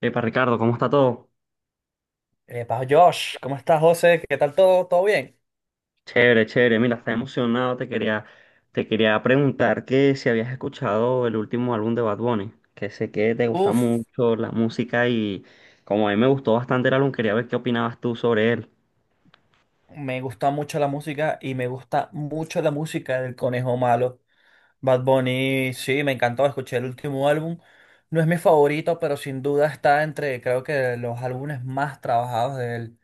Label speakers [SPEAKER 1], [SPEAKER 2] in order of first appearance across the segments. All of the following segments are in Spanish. [SPEAKER 1] Epa, Ricardo, ¿cómo está todo?
[SPEAKER 2] Epa, Josh, ¿cómo estás, José? ¿Qué tal todo? ¿Todo bien?
[SPEAKER 1] Chévere, chévere. Mira, está emocionado. Te quería preguntar que si habías escuchado el último álbum de Bad Bunny, que sé que te gusta
[SPEAKER 2] Uf,
[SPEAKER 1] mucho la música y como a mí me gustó bastante el álbum, quería ver qué opinabas tú sobre él.
[SPEAKER 2] Me gusta mucho la música y me gusta mucho la música del Conejo Malo. Bad Bunny, sí, me encantó, escuché el último álbum. No es mi favorito, pero sin duda está entre, creo que, los álbumes más trabajados de él.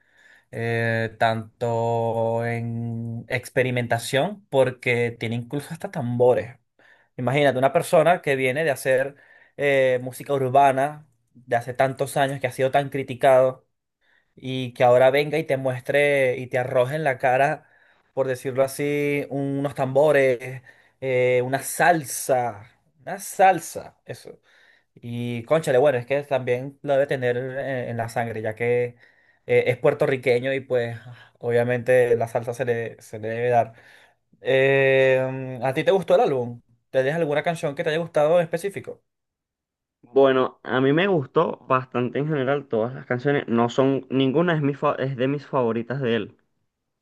[SPEAKER 2] Tanto en experimentación, porque tiene incluso hasta tambores. Imagínate, una persona que viene de hacer música urbana de hace tantos años, que ha sido tan criticado y que ahora venga y te muestre y te arroje en la cara, por decirlo así, unos tambores, una salsa, eso. Y cónchale, bueno, es que también lo debe tener en la sangre, ya que es puertorriqueño y pues obviamente la salsa se le debe dar. ¿A ti te gustó el álbum? ¿Te dejas alguna canción que te haya gustado en específico?
[SPEAKER 1] Bueno, a mí me gustó bastante en general todas las canciones. No son, ninguna es es de mis favoritas de él.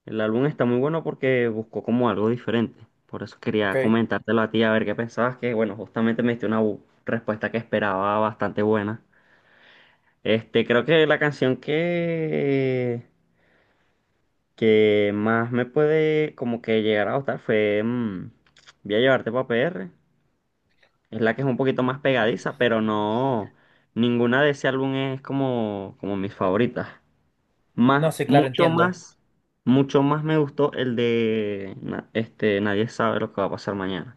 [SPEAKER 1] El álbum está muy bueno porque buscó como algo diferente. Por eso quería
[SPEAKER 2] Ok.
[SPEAKER 1] comentártelo a ti, a ver qué pensabas, que bueno, justamente me diste una respuesta que esperaba bastante buena. Este, creo que que más me puede como que llegar a gustar fue Voy a llevarte pa' PR. Es la que es un poquito más pegadiza, pero no, ninguna de ese álbum es como mis favoritas. Más,
[SPEAKER 2] No, sí, claro,
[SPEAKER 1] mucho
[SPEAKER 2] entiendo.
[SPEAKER 1] más, mucho más me gustó el de nadie sabe lo que va a pasar mañana.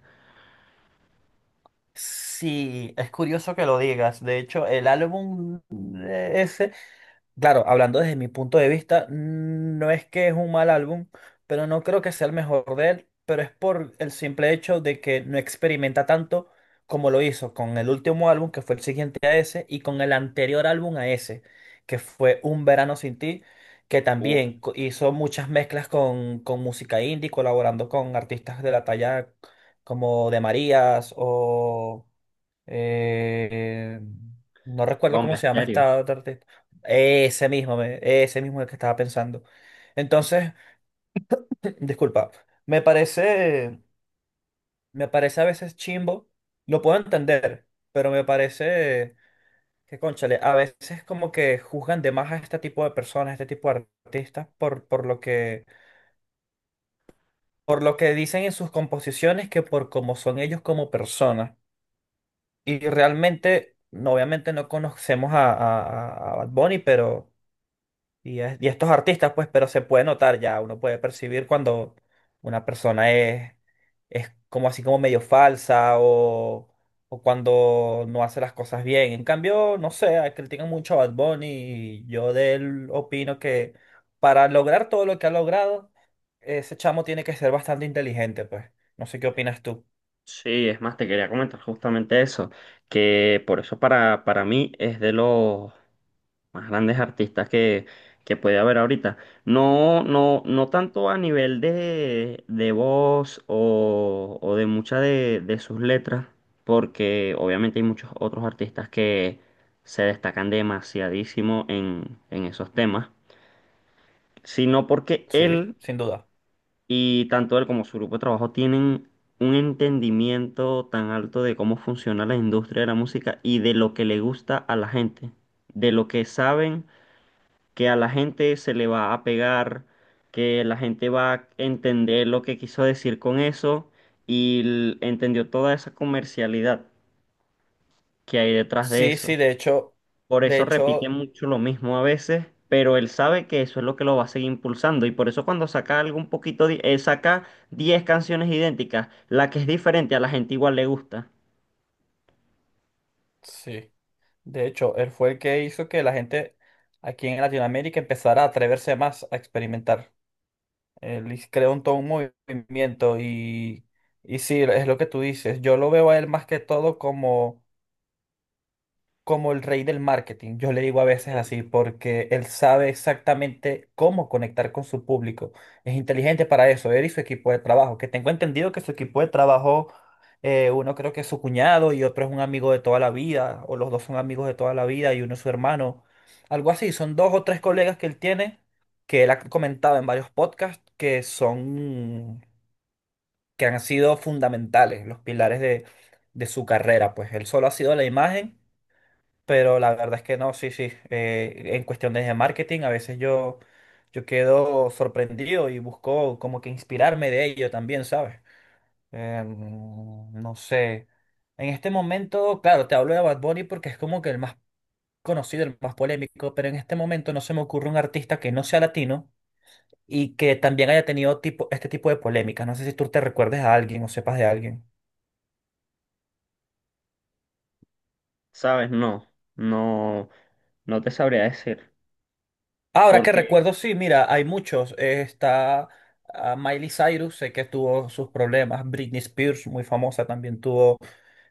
[SPEAKER 2] Sí, es curioso que lo digas. De hecho, el álbum ese, claro, hablando desde mi punto de vista, no es que es un mal álbum, pero no creo que sea el mejor de él, pero es por el simple hecho de que no experimenta tanto como lo hizo con el último álbum, que fue el siguiente a ese, y con el anterior álbum a ese, que fue Un Verano Sin Ti, que
[SPEAKER 1] Uf,
[SPEAKER 2] también hizo muchas mezclas con música indie, colaborando con artistas de la talla como de Marías o... Eh, no recuerdo
[SPEAKER 1] bomba
[SPEAKER 2] cómo se llama
[SPEAKER 1] estéreo.
[SPEAKER 2] esta otra artista. Ese mismo, ese mismo el que estaba pensando. Entonces, disculpa, me parece, me parece a veces chimbo, lo puedo entender, pero me parece que, cónchale, a veces como que juzgan de más a este tipo de personas, a este tipo de artistas, por lo por lo que dicen en sus composiciones que por cómo son ellos como personas. Y realmente, no, obviamente no conocemos Bad Bunny, pero, y a estos artistas, pues, pero se puede notar ya, uno puede percibir cuando una persona es como así como medio falsa o cuando no hace las cosas bien. En cambio, no sé, critican mucho a Bad Bunny y yo de él opino que para lograr todo lo que ha logrado, ese chamo tiene que ser bastante inteligente, pues. No sé qué opinas tú.
[SPEAKER 1] Sí, es más, te quería comentar justamente eso, que por eso para mí es de los más grandes artistas que puede haber ahorita. No tanto a nivel de voz o de muchas de sus letras, porque obviamente hay muchos otros artistas que se destacan demasiadísimo en esos temas, sino porque
[SPEAKER 2] Sí,
[SPEAKER 1] él
[SPEAKER 2] sin duda.
[SPEAKER 1] y tanto él como su grupo de trabajo tienen un entendimiento tan alto de cómo funciona la industria de la música y de lo que le gusta a la gente, de lo que saben que a la gente se le va a pegar, que la gente va a entender lo que quiso decir con eso y entendió toda esa comercialidad que hay detrás de
[SPEAKER 2] Sí, sí,
[SPEAKER 1] eso. Por
[SPEAKER 2] de
[SPEAKER 1] eso repite
[SPEAKER 2] hecho,
[SPEAKER 1] mucho lo mismo a veces, pero él sabe que eso es lo que lo va a seguir impulsando y por eso cuando saca algo un poquito, saca 10 canciones idénticas, la que es diferente a la gente igual le gusta.
[SPEAKER 2] sí, de hecho, él fue el que hizo que la gente aquí en Latinoamérica empezara a atreverse más a experimentar. Creó un todo un movimiento y sí, es lo que tú dices. Yo lo veo a él más que todo como como el rey del marketing. Yo le digo a veces así porque él sabe exactamente cómo conectar con su público. Es inteligente para eso, él y su equipo de trabajo, que tengo entendido que su equipo de trabajo, uno creo que es su cuñado y otro es un amigo de toda la vida, o los dos son amigos de toda la vida y uno es su hermano. Algo así, son dos o tres colegas que él tiene, que él ha comentado en varios podcasts, que han sido fundamentales, los pilares de su carrera. Pues él solo ha sido la imagen, pero la verdad es que no, sí, sí. En cuestiones de marketing, yo quedo sorprendido y busco como que inspirarme de ello también, ¿sabes? No sé. En este momento, claro, te hablo de Bad Bunny porque es como que el más conocido, el más polémico, pero en este momento no se me ocurre un artista que no sea latino y que también haya tenido tipo, este tipo de polémicas. No sé si tú te recuerdes a alguien o sepas de alguien.
[SPEAKER 1] ¿Sabes? No, no, no te sabría decir,
[SPEAKER 2] Ahora que
[SPEAKER 1] porque,
[SPEAKER 2] recuerdo, sí, mira, hay muchos. Está ah, Miley Cyrus, sé que tuvo sus problemas. Britney Spears, muy famosa, también tuvo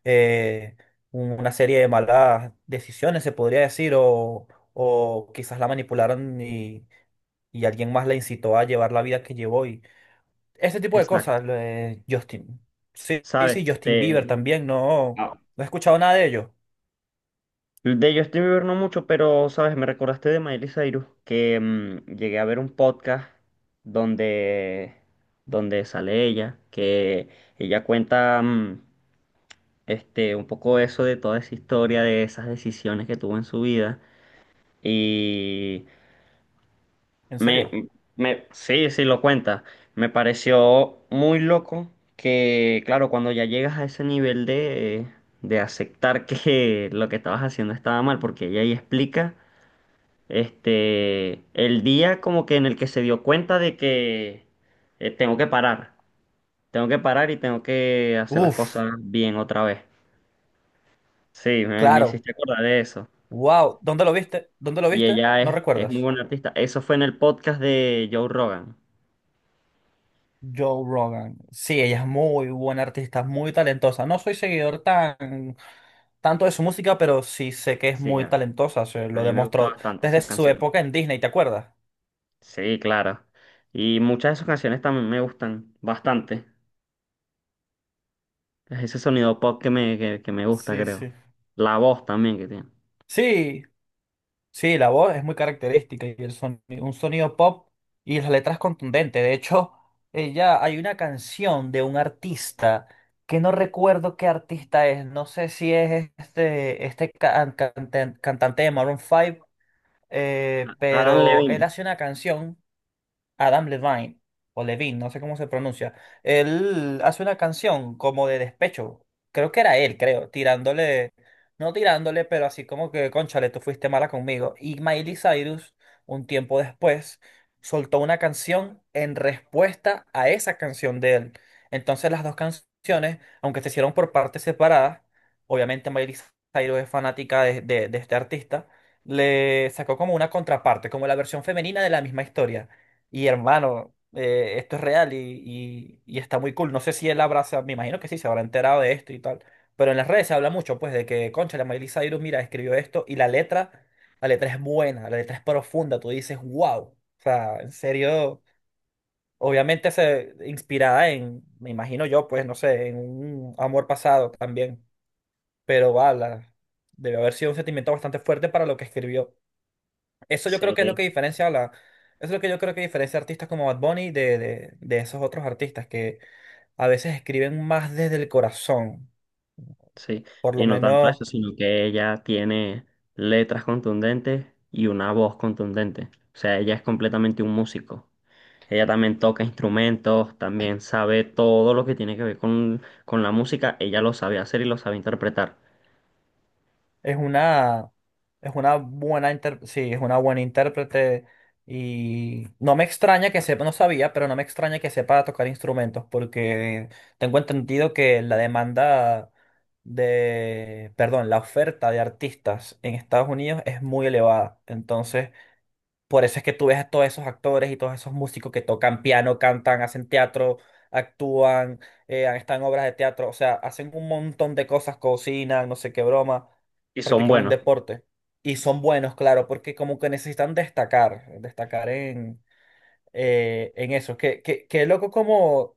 [SPEAKER 2] eh, una serie de malas decisiones, se podría decir, o quizás la manipularon y alguien más la incitó a llevar la vida que llevó. Y ese tipo de
[SPEAKER 1] exacto,
[SPEAKER 2] cosas, lo de Justin. Sí, sí,
[SPEAKER 1] ¿sabes?
[SPEAKER 2] sí, Justin Bieber
[SPEAKER 1] Te,
[SPEAKER 2] también, no, no he escuchado nada de ellos.
[SPEAKER 1] de Justin Bieber no mucho, pero, ¿sabes? Me recordaste de Miley Cyrus, que llegué a ver un podcast donde, donde sale ella, que ella cuenta un poco eso de toda esa historia, de esas decisiones que tuvo en su vida. Y
[SPEAKER 2] ¿En serio?
[SPEAKER 1] me, sí, sí, lo cuenta. Me pareció muy loco que, claro, cuando ya llegas a ese nivel de aceptar que lo que estabas haciendo estaba mal, porque ella ahí explica. Este, el día como que en el que se dio cuenta de que eh, tengo que parar, tengo que parar y tengo que hacer las
[SPEAKER 2] Uf,
[SPEAKER 1] cosas bien otra vez. Sí, me
[SPEAKER 2] claro.
[SPEAKER 1] hiciste acordar de eso.
[SPEAKER 2] Wow. ¿Dónde lo viste? ¿Dónde lo
[SPEAKER 1] Y
[SPEAKER 2] viste? ¿No
[SPEAKER 1] es muy
[SPEAKER 2] recuerdas?
[SPEAKER 1] buena artista. Eso fue en el podcast de Joe Rogan.
[SPEAKER 2] Joe Rogan. Sí, ella es muy buena artista, muy talentosa. No soy seguidor tan tanto de su música, pero sí sé que es
[SPEAKER 1] Sí,
[SPEAKER 2] muy talentosa. Se
[SPEAKER 1] a
[SPEAKER 2] lo
[SPEAKER 1] mí me gustan
[SPEAKER 2] demostró
[SPEAKER 1] bastante
[SPEAKER 2] desde
[SPEAKER 1] sus
[SPEAKER 2] su
[SPEAKER 1] canciones.
[SPEAKER 2] época en Disney, ¿te acuerdas?
[SPEAKER 1] Sí, claro. Y muchas de sus canciones también me gustan bastante. Es ese sonido pop que que me gusta,
[SPEAKER 2] Sí,
[SPEAKER 1] creo.
[SPEAKER 2] sí.
[SPEAKER 1] La voz también que tiene.
[SPEAKER 2] Sí, sí, la voz es muy característica y el sonido, un sonido pop y las letras contundentes. De hecho, ella hay una canción de un artista que no recuerdo qué artista es. No sé si es este, cantante de Maroon 5,
[SPEAKER 1] Adam
[SPEAKER 2] pero él
[SPEAKER 1] Levine.
[SPEAKER 2] hace una canción. Adam Levine, o Levine, no sé cómo se pronuncia, él hace una canción como de despecho. Creo que era él, creo, tirándole, no tirándole, pero así como que, cónchale, tú fuiste mala conmigo. Y Miley Cyrus, un tiempo después, soltó una canción en respuesta a esa canción de él. Entonces las dos canciones, aunque se hicieron por partes separadas, obviamente Miley Cyrus es fanática de este artista, le sacó como una contraparte, como la versión femenina de la misma historia. Y hermano, esto es real y está muy cool. No sé si él habrá, me imagino que sí, se habrá enterado de esto y tal. Pero en las redes se habla mucho, pues, de que, concha, la Miley Cyrus, mira, escribió esto y la letra es buena, la letra es profunda. Tú dices, wow. O sea, en serio, obviamente se inspirada en, me imagino yo, pues, no sé, en un amor pasado también. Pero va, debe haber sido un sentimiento bastante fuerte para lo que escribió. Eso yo creo que es lo
[SPEAKER 1] Sí,
[SPEAKER 2] que diferencia eso es lo que yo creo que diferencia a artistas como Bad Bunny de esos otros artistas que a veces escriben más desde el corazón.
[SPEAKER 1] sí,
[SPEAKER 2] Por
[SPEAKER 1] y
[SPEAKER 2] lo
[SPEAKER 1] no tanto
[SPEAKER 2] menos
[SPEAKER 1] eso, sino que ella tiene letras contundentes y una voz contundente. O sea, ella es completamente un músico. Ella también toca instrumentos, también sabe todo lo que tiene que ver con la música. Ella lo sabe hacer y lo sabe interpretar.
[SPEAKER 2] es una, es una sí, es una buena intérprete. Y no me extraña que sepa, no sabía, pero no me extraña que sepa tocar instrumentos, porque tengo entendido que la demanda de, perdón, la oferta de artistas en Estados Unidos es muy elevada. Entonces, por eso es que tú ves a todos esos actores y todos esos músicos que tocan piano, cantan, hacen teatro, actúan, han en obras de teatro, o sea, hacen un montón de cosas, cocinan, no sé qué broma,
[SPEAKER 1] Y son
[SPEAKER 2] practican un
[SPEAKER 1] buenos.
[SPEAKER 2] deporte. Y son buenos, claro, porque como que necesitan destacar, destacar en eso. Qué loco como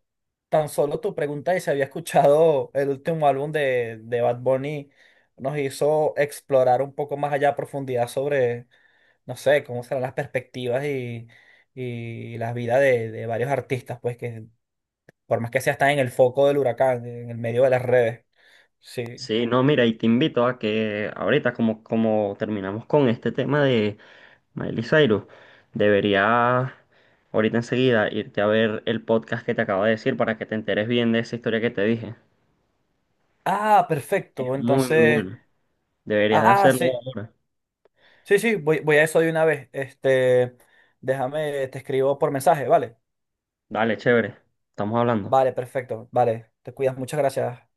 [SPEAKER 2] tan solo tu pregunta y se había escuchado el último álbum de Bad Bunny, nos hizo explorar un poco más allá a profundidad sobre no sé, cómo serán las perspectivas y las vidas de varios artistas, pues que por más que sea, están en el foco del huracán, en el medio de las redes. Sí.
[SPEAKER 1] Sí, no, mira, y te invito a que ahorita, como, como terminamos con este tema de Miley Cyrus, deberías ahorita enseguida irte a ver el podcast que te acabo de decir para que te enteres bien de esa historia que te dije.
[SPEAKER 2] Ah,
[SPEAKER 1] Es
[SPEAKER 2] perfecto.
[SPEAKER 1] muy, muy
[SPEAKER 2] Entonces,
[SPEAKER 1] bueno. Deberías de
[SPEAKER 2] ah,
[SPEAKER 1] hacerlo
[SPEAKER 2] sí.
[SPEAKER 1] ahora.
[SPEAKER 2] Sí, sí, voy a eso de una vez. Este, déjame, te escribo por mensaje, ¿vale?
[SPEAKER 1] Dale, chévere. Estamos hablando.
[SPEAKER 2] Vale, perfecto. Vale, te cuidas. Muchas gracias.